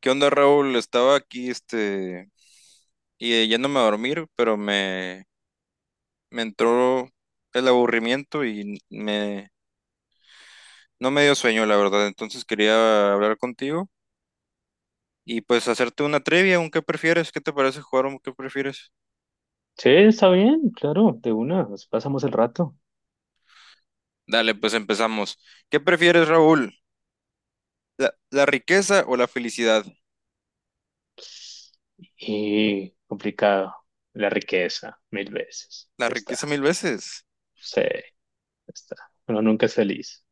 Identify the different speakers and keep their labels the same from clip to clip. Speaker 1: ¿Qué onda, Raúl? Estaba aquí, y yéndome a dormir. Pero me entró el aburrimiento, no me dio sueño, la verdad. Entonces quería hablar contigo y pues hacerte una trivia, un qué prefieres, qué te parece jugar un qué prefieres.
Speaker 2: Sí, está bien, claro, de una, nos pasamos el rato.
Speaker 1: Dale, pues empezamos. ¿Qué prefieres, Raúl? ¿La riqueza o la felicidad?
Speaker 2: Y complicado, la riqueza, mil veces.
Speaker 1: La
Speaker 2: Ya
Speaker 1: riqueza
Speaker 2: está,
Speaker 1: mil veces.
Speaker 2: sí, ya está. Uno nunca es feliz.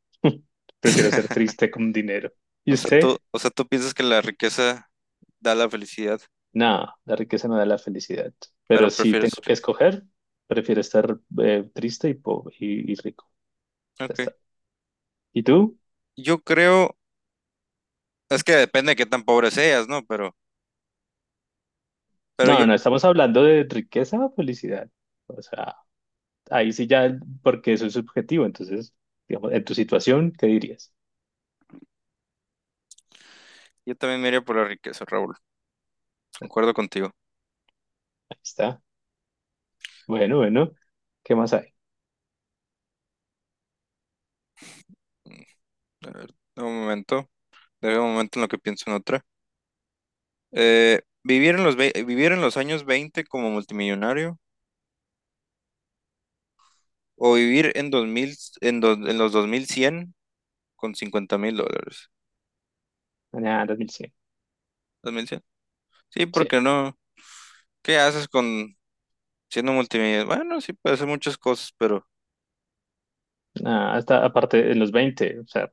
Speaker 2: Prefiero ser triste con dinero. ¿Y usted?
Speaker 1: O sea, tú piensas que la riqueza da la felicidad,
Speaker 2: No, la riqueza no da la felicidad.
Speaker 1: pero
Speaker 2: Pero si
Speaker 1: prefieres
Speaker 2: tengo que
Speaker 1: rico.
Speaker 2: escoger, prefiero estar triste y pobre y, rico. Ya
Speaker 1: Ok.
Speaker 2: está. ¿Y tú?
Speaker 1: Yo creo Es que depende de qué tan pobre seas, ¿no? Pero
Speaker 2: No,
Speaker 1: yo,
Speaker 2: no, no, estamos hablando de riqueza o felicidad. O sea, ahí sí ya, porque eso es subjetivo. Entonces, digamos, en tu situación, ¿qué dirías?
Speaker 1: yo también me iría por la riqueza, Raúl. Concuerdo contigo.
Speaker 2: Ahí está. Bueno, bueno. ¿Qué más hay?
Speaker 1: Mm, A ver, dame un momento. Dame un momento en lo que pienso en otra. ¿Vivir vivir en los años 20 como multimillonario o vivir en 2000 en, dos- en los 2100 con 50.000 dólares?
Speaker 2: Ah, 2100.
Speaker 1: 2100. Sí,
Speaker 2: Sí.
Speaker 1: porque no. ¿Qué haces con siendo multimillonario? Bueno, sí, puedes hacer muchas cosas, pero
Speaker 2: Ah, hasta aparte en los veinte. O sea,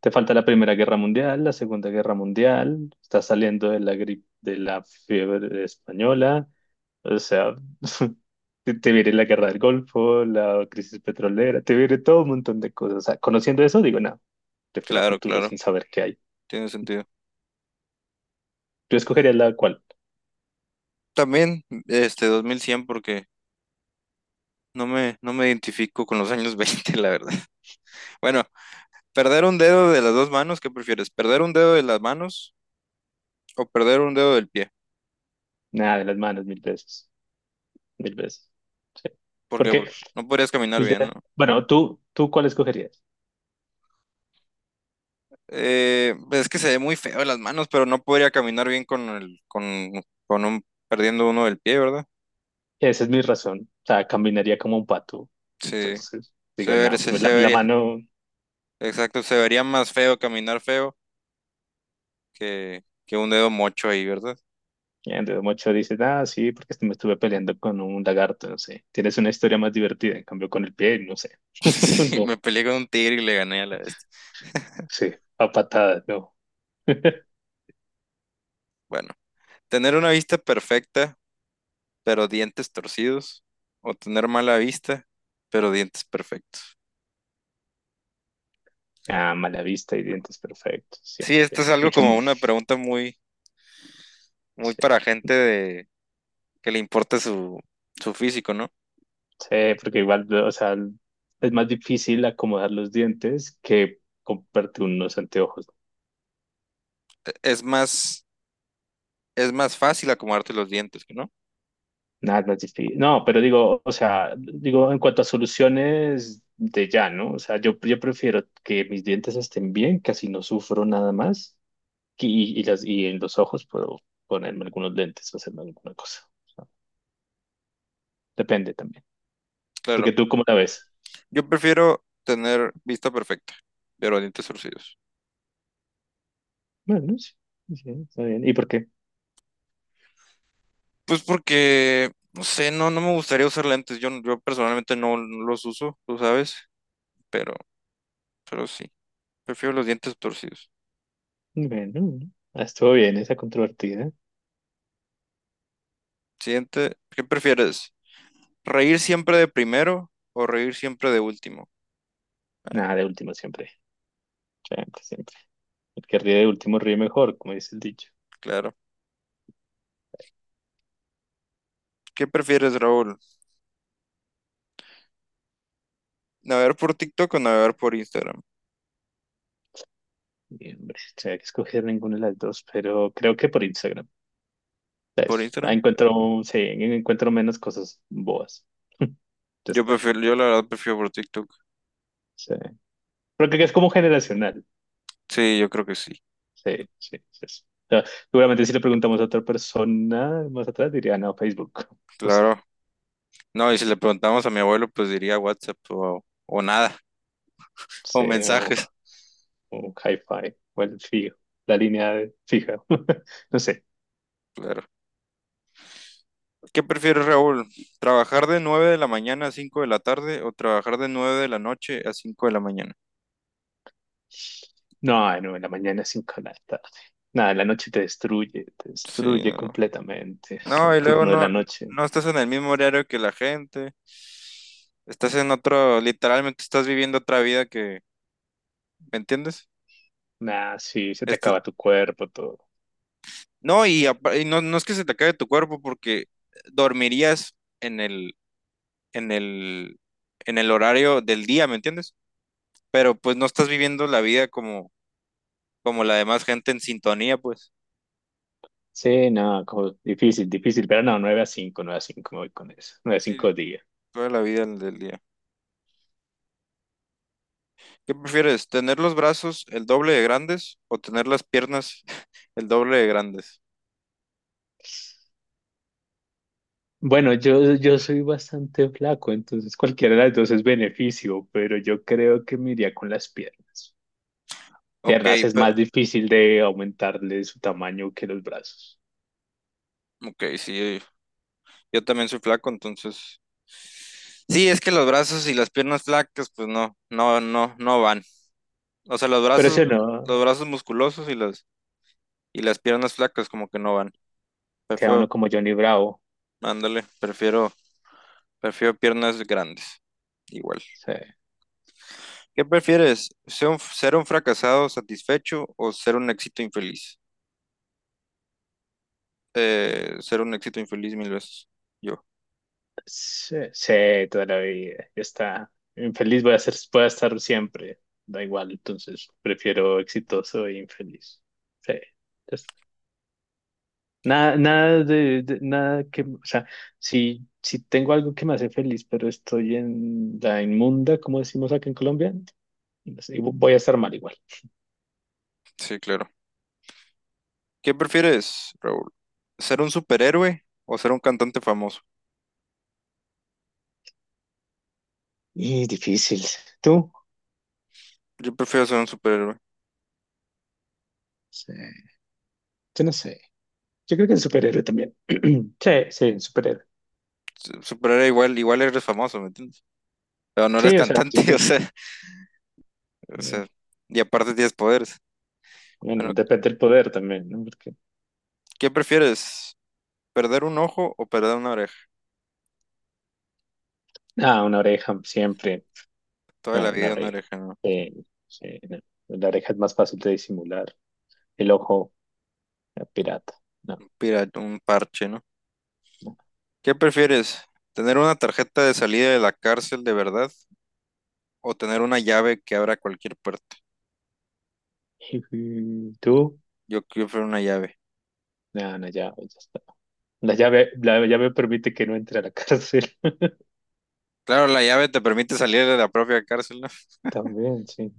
Speaker 2: te falta la Primera Guerra Mundial, la Segunda Guerra Mundial. Estás saliendo de la gripe, de la fiebre española. O sea, te viene la Guerra del Golfo, la crisis petrolera, te viene todo un montón de cosas. O sea, conociendo eso, digo, no, prefiero a
Speaker 1: claro,
Speaker 2: futuro
Speaker 1: claro,
Speaker 2: sin saber qué hay.
Speaker 1: tiene sentido.
Speaker 2: ¿Tú escogerías la cual?
Speaker 1: También, 2100, porque no me identifico con los años 20 veinte, la verdad. Bueno, perder un dedo de las dos manos. ¿Qué prefieres? ¿Perder un dedo de las manos o perder un dedo del pie?
Speaker 2: Nada, de las manos, mil veces. Mil veces. Sí.
Speaker 1: ¿Por qué?
Speaker 2: Porque
Speaker 1: Porque no podrías caminar
Speaker 2: el de...
Speaker 1: bien, ¿no?
Speaker 2: Bueno, ¿tú cuál escogerías?
Speaker 1: Pues es que se ve muy feo las manos, pero no podría caminar bien con un, perdiendo uno del pie, ¿verdad?
Speaker 2: Esa es mi razón. O sea, caminaría como un pato.
Speaker 1: Sí,
Speaker 2: Entonces,
Speaker 1: se
Speaker 2: digo,
Speaker 1: vería,
Speaker 2: nada,
Speaker 1: se,
Speaker 2: pues la,
Speaker 1: se
Speaker 2: la
Speaker 1: vería,
Speaker 2: mano...
Speaker 1: exacto, se vería más feo caminar feo que un dedo mocho ahí, ¿verdad?
Speaker 2: El dedo mocho dice, ah, sí, porque este me estuve peleando con un lagarto, no sé. Tienes una historia más divertida, en cambio con el pie, no sé.
Speaker 1: Sí,
Speaker 2: No,
Speaker 1: me peleé con un tigre y le gané a la bestia.
Speaker 2: sí, a patadas, no.
Speaker 1: Bueno, tener una vista perfecta pero dientes torcidos, o tener mala vista, pero dientes perfectos.
Speaker 2: Ah, mala vista y dientes perfectos, sí.
Speaker 1: Sí, esto
Speaker 2: Sí.
Speaker 1: es algo
Speaker 2: Mucho,
Speaker 1: como una pregunta muy, muy
Speaker 2: sí.
Speaker 1: para gente de que le importa su físico, ¿no?
Speaker 2: Sí, porque igual, o sea, es más difícil acomodar los dientes que comprarte unos anteojos.
Speaker 1: Es más, es más fácil acomodarte los dientes, ¿no?
Speaker 2: Nada, es más difícil. No, pero digo, o sea, digo, en cuanto a soluciones de ya, ¿no? O sea, yo prefiero que mis dientes estén bien, casi no sufro nada más, y en los ojos puedo ponerme algunos lentes o hacerme alguna cosa. O sea, depende también.
Speaker 1: Claro.
Speaker 2: Porque tú, ¿cómo la ves?
Speaker 1: Yo prefiero tener vista perfecta, pero dientes torcidos.
Speaker 2: Bueno, sí, sí, está bien. ¿Y por qué?
Speaker 1: Pues porque, no sé, no me gustaría usar lentes. Yo personalmente no los uso, tú sabes, pero, pero sí. Prefiero los dientes torcidos.
Speaker 2: Bueno, estuvo bien esa controvertida.
Speaker 1: Siguiente, ¿qué prefieres? ¿Reír siempre de primero o reír siempre de último?
Speaker 2: Nada, de último siempre. Siempre, siempre. El que ríe de último ríe mejor, como dice el dicho.
Speaker 1: Claro. ¿Qué prefieres, Raúl? ¿Navegar por TikTok o navegar por Instagram?
Speaker 2: Y, hombre, tendría que escoger ninguna de las dos, pero creo que por Instagram.
Speaker 1: ¿Por
Speaker 2: ¿Sabes? Ah,
Speaker 1: Instagram?
Speaker 2: encuentro, sí, encuentro menos cosas boas. Ya
Speaker 1: Yo
Speaker 2: está.
Speaker 1: prefiero, yo la verdad prefiero por TikTok.
Speaker 2: Sí. pero creo que es como generacional.
Speaker 1: Sí, yo creo que sí.
Speaker 2: Sí, sí, sí. Sí. O sea, seguramente si le preguntamos a otra persona más atrás, diría, no, Facebook. No sé.
Speaker 1: Claro. No, y si le preguntamos a mi abuelo, pues diría WhatsApp o nada, o
Speaker 2: Sí, o,
Speaker 1: mensajes.
Speaker 2: o Hi-Fi, o el fijo, la línea de fija. No sé.
Speaker 1: Claro. ¿Qué prefieres, Raúl? ¿Trabajar de 9 de la mañana a 5 de la tarde o trabajar de 9 de la noche a 5 de la mañana?
Speaker 2: No, no, en la mañana es 5 de la tarde. Nada, la noche te
Speaker 1: Sí,
Speaker 2: destruye
Speaker 1: no,
Speaker 2: completamente. Es
Speaker 1: No,
Speaker 2: el
Speaker 1: y luego
Speaker 2: turno de
Speaker 1: no,
Speaker 2: la noche.
Speaker 1: no estás en el mismo horario que la gente. Estás en otro, literalmente estás viviendo otra vida que, ¿me entiendes?
Speaker 2: Nada, sí, se te
Speaker 1: Estás-
Speaker 2: acaba tu cuerpo, todo.
Speaker 1: no, y no es que se te acabe tu cuerpo, porque dormirías en el, en el, en el horario del día, ¿me entiendes? Pero pues no estás viviendo la vida como la demás gente en sintonía, pues.
Speaker 2: Sí, no, como difícil, difícil, pero no, 9 a 5, 9 a cinco, me voy con eso. 9 a
Speaker 1: Sí,
Speaker 2: cinco días.
Speaker 1: toda la vida del día. ¿Qué prefieres, tener los brazos el doble de grandes o tener las piernas el doble de grandes?
Speaker 2: Bueno, yo soy bastante flaco, entonces cualquiera de las dos es beneficio, pero yo creo que me iría con las piernas.
Speaker 1: Ok,
Speaker 2: Piernas es
Speaker 1: pe-
Speaker 2: más difícil de aumentarle su tamaño que los brazos.
Speaker 1: ok, sí, yo también soy flaco, entonces. Sí, es que los brazos y las piernas flacas, pues no van. O sea, los
Speaker 2: Pero
Speaker 1: brazos,
Speaker 2: eso no,
Speaker 1: los brazos musculosos y las piernas flacas como que no van.
Speaker 2: queda
Speaker 1: Prefiero,
Speaker 2: uno como Johnny Bravo.
Speaker 1: ándale, prefiero piernas grandes. Igual.
Speaker 2: Sí.
Speaker 1: ¿Qué prefieres? ¿Ser un fracasado satisfecho o ser un éxito infeliz? Ser un éxito infeliz mil veces. Yo,
Speaker 2: Sí, sí, toda la vida. Ya está. Infeliz voy a ser, voy a estar siempre. Da igual, entonces prefiero exitoso e infeliz. Sí, ya está. Nada, nada de, nada que, o sea, si tengo algo que me hace feliz, pero estoy en la inmunda, como decimos acá en Colombia, no voy a estar mal igual.
Speaker 1: sí, claro. ¿Qué prefieres, Raúl? ¿Ser un superhéroe o ser un cantante famoso?
Speaker 2: Y difícil. ¿Tú?
Speaker 1: Yo prefiero ser un superhéroe.
Speaker 2: Sí. Yo no sé. Yo creo que el superhéroe también. Sí, sí, el superhéroe.
Speaker 1: Superhéroe, igual, igual eres famoso, ¿me entiendes? Pero no eres
Speaker 2: Sí, o sea, sí,
Speaker 1: cantante, o
Speaker 2: sí.
Speaker 1: sea, o sea, y aparte tienes poderes.
Speaker 2: Bueno,
Speaker 1: Bueno,
Speaker 2: depende del poder también, ¿no? Porque,
Speaker 1: ¿qué prefieres? ¿Perder un ojo o perder una oreja?
Speaker 2: ah, una oreja siempre,
Speaker 1: Toda la
Speaker 2: ah, una
Speaker 1: vida una
Speaker 2: oreja.
Speaker 1: oreja, ¿no?
Speaker 2: Eh, sí, no. La oreja es más fácil de disimular. El ojo, pirata. No,
Speaker 1: Un parche, ¿no?
Speaker 2: no.
Speaker 1: ¿Qué prefieres? ¿Tener una tarjeta de salida de la cárcel de verdad o tener una llave que abra cualquier puerta?
Speaker 2: Ujú. ¿Tú?
Speaker 1: Yo prefiero una llave.
Speaker 2: No, no, ya, ya está. La llave permite que no entre a la cárcel.
Speaker 1: Claro, la llave te permite salir de la propia cárcel, ¿no?
Speaker 2: También, sí.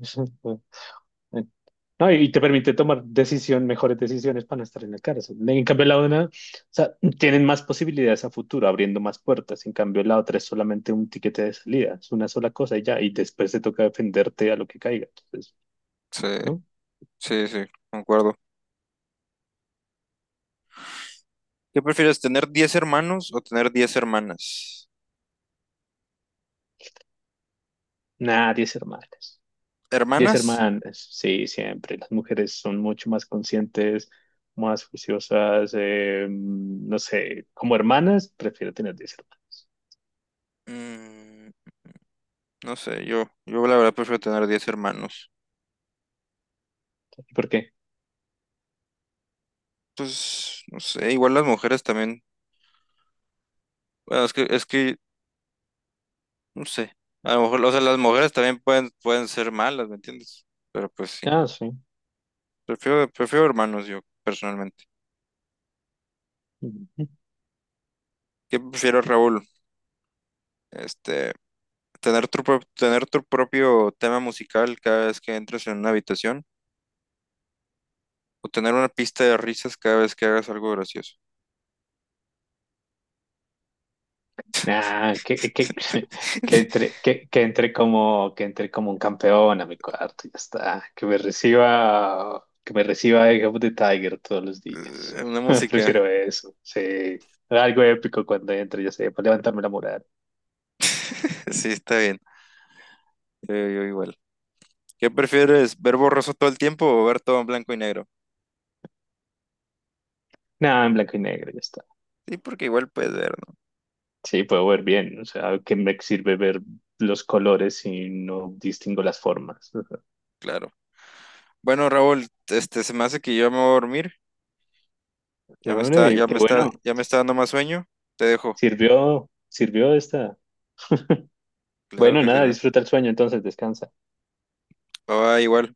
Speaker 2: No, y te permite tomar decisión, mejores decisiones para no estar en la cárcel. En cambio, la una, o sea, tienen más posibilidades a futuro, abriendo más puertas. En cambio, la otra es solamente un tiquete de salida, es una sola cosa y ya, y después te toca defenderte a lo que caiga. Entonces,
Speaker 1: Sí,
Speaker 2: ¿no?
Speaker 1: sí, sí, concuerdo. ¿Qué prefieres, tener 10 hermanos o tener 10 hermanas?
Speaker 2: Nada, 10 hermanas. Diez
Speaker 1: ¿Hermanas?
Speaker 2: hermanas, sí, siempre. Las mujeres son mucho más conscientes, más juiciosas, no sé, como hermanas, prefiero tener 10 hermanas.
Speaker 1: Mm, no sé, yo la verdad prefiero tener 10 hermanos.
Speaker 2: ¿Por qué?
Speaker 1: Pues, no sé, igual las mujeres también. Bueno, es que, no sé. A lo mejor, o sea, las mujeres también pueden ser malas, ¿me entiendes? Pero pues sí.
Speaker 2: Ah, sí.
Speaker 1: Prefiero hermanos yo, personalmente. ¿Qué prefiero, Raúl? Este, tener tu propio tema musical cada vez que entres en una habitación o tener una pista de risas cada vez que hagas algo gracioso.
Speaker 2: Nah, que entre, que entre como un campeón a mi cuarto, ya está. Que me reciba Eye of the Tiger todos los días.
Speaker 1: Una música.
Speaker 2: Prefiero eso, sí. Algo épico cuando entre, ya sé, para levantarme la moral.
Speaker 1: Sí, está bien. Yo igual. ¿Qué prefieres, ver borroso todo el tiempo o ver todo en blanco y negro?
Speaker 2: Nada, en blanco y negro, ya está.
Speaker 1: Sí, porque igual puedes ver, ¿no?
Speaker 2: Sí, puedo ver bien, o sea, ¿qué me sirve ver los colores si no distingo las formas? Ajá.
Speaker 1: Claro. Bueno, Raúl, se me hace que yo me voy a dormir. Ya me está,
Speaker 2: Hombre,
Speaker 1: ya me
Speaker 2: qué
Speaker 1: está,
Speaker 2: bueno,
Speaker 1: ya me está dando más sueño. Te dejo.
Speaker 2: sirvió, sirvió esta.
Speaker 1: Claro
Speaker 2: Bueno,
Speaker 1: que
Speaker 2: nada,
Speaker 1: sirve.
Speaker 2: disfruta el sueño, entonces descansa.
Speaker 1: Bye, bye, igual.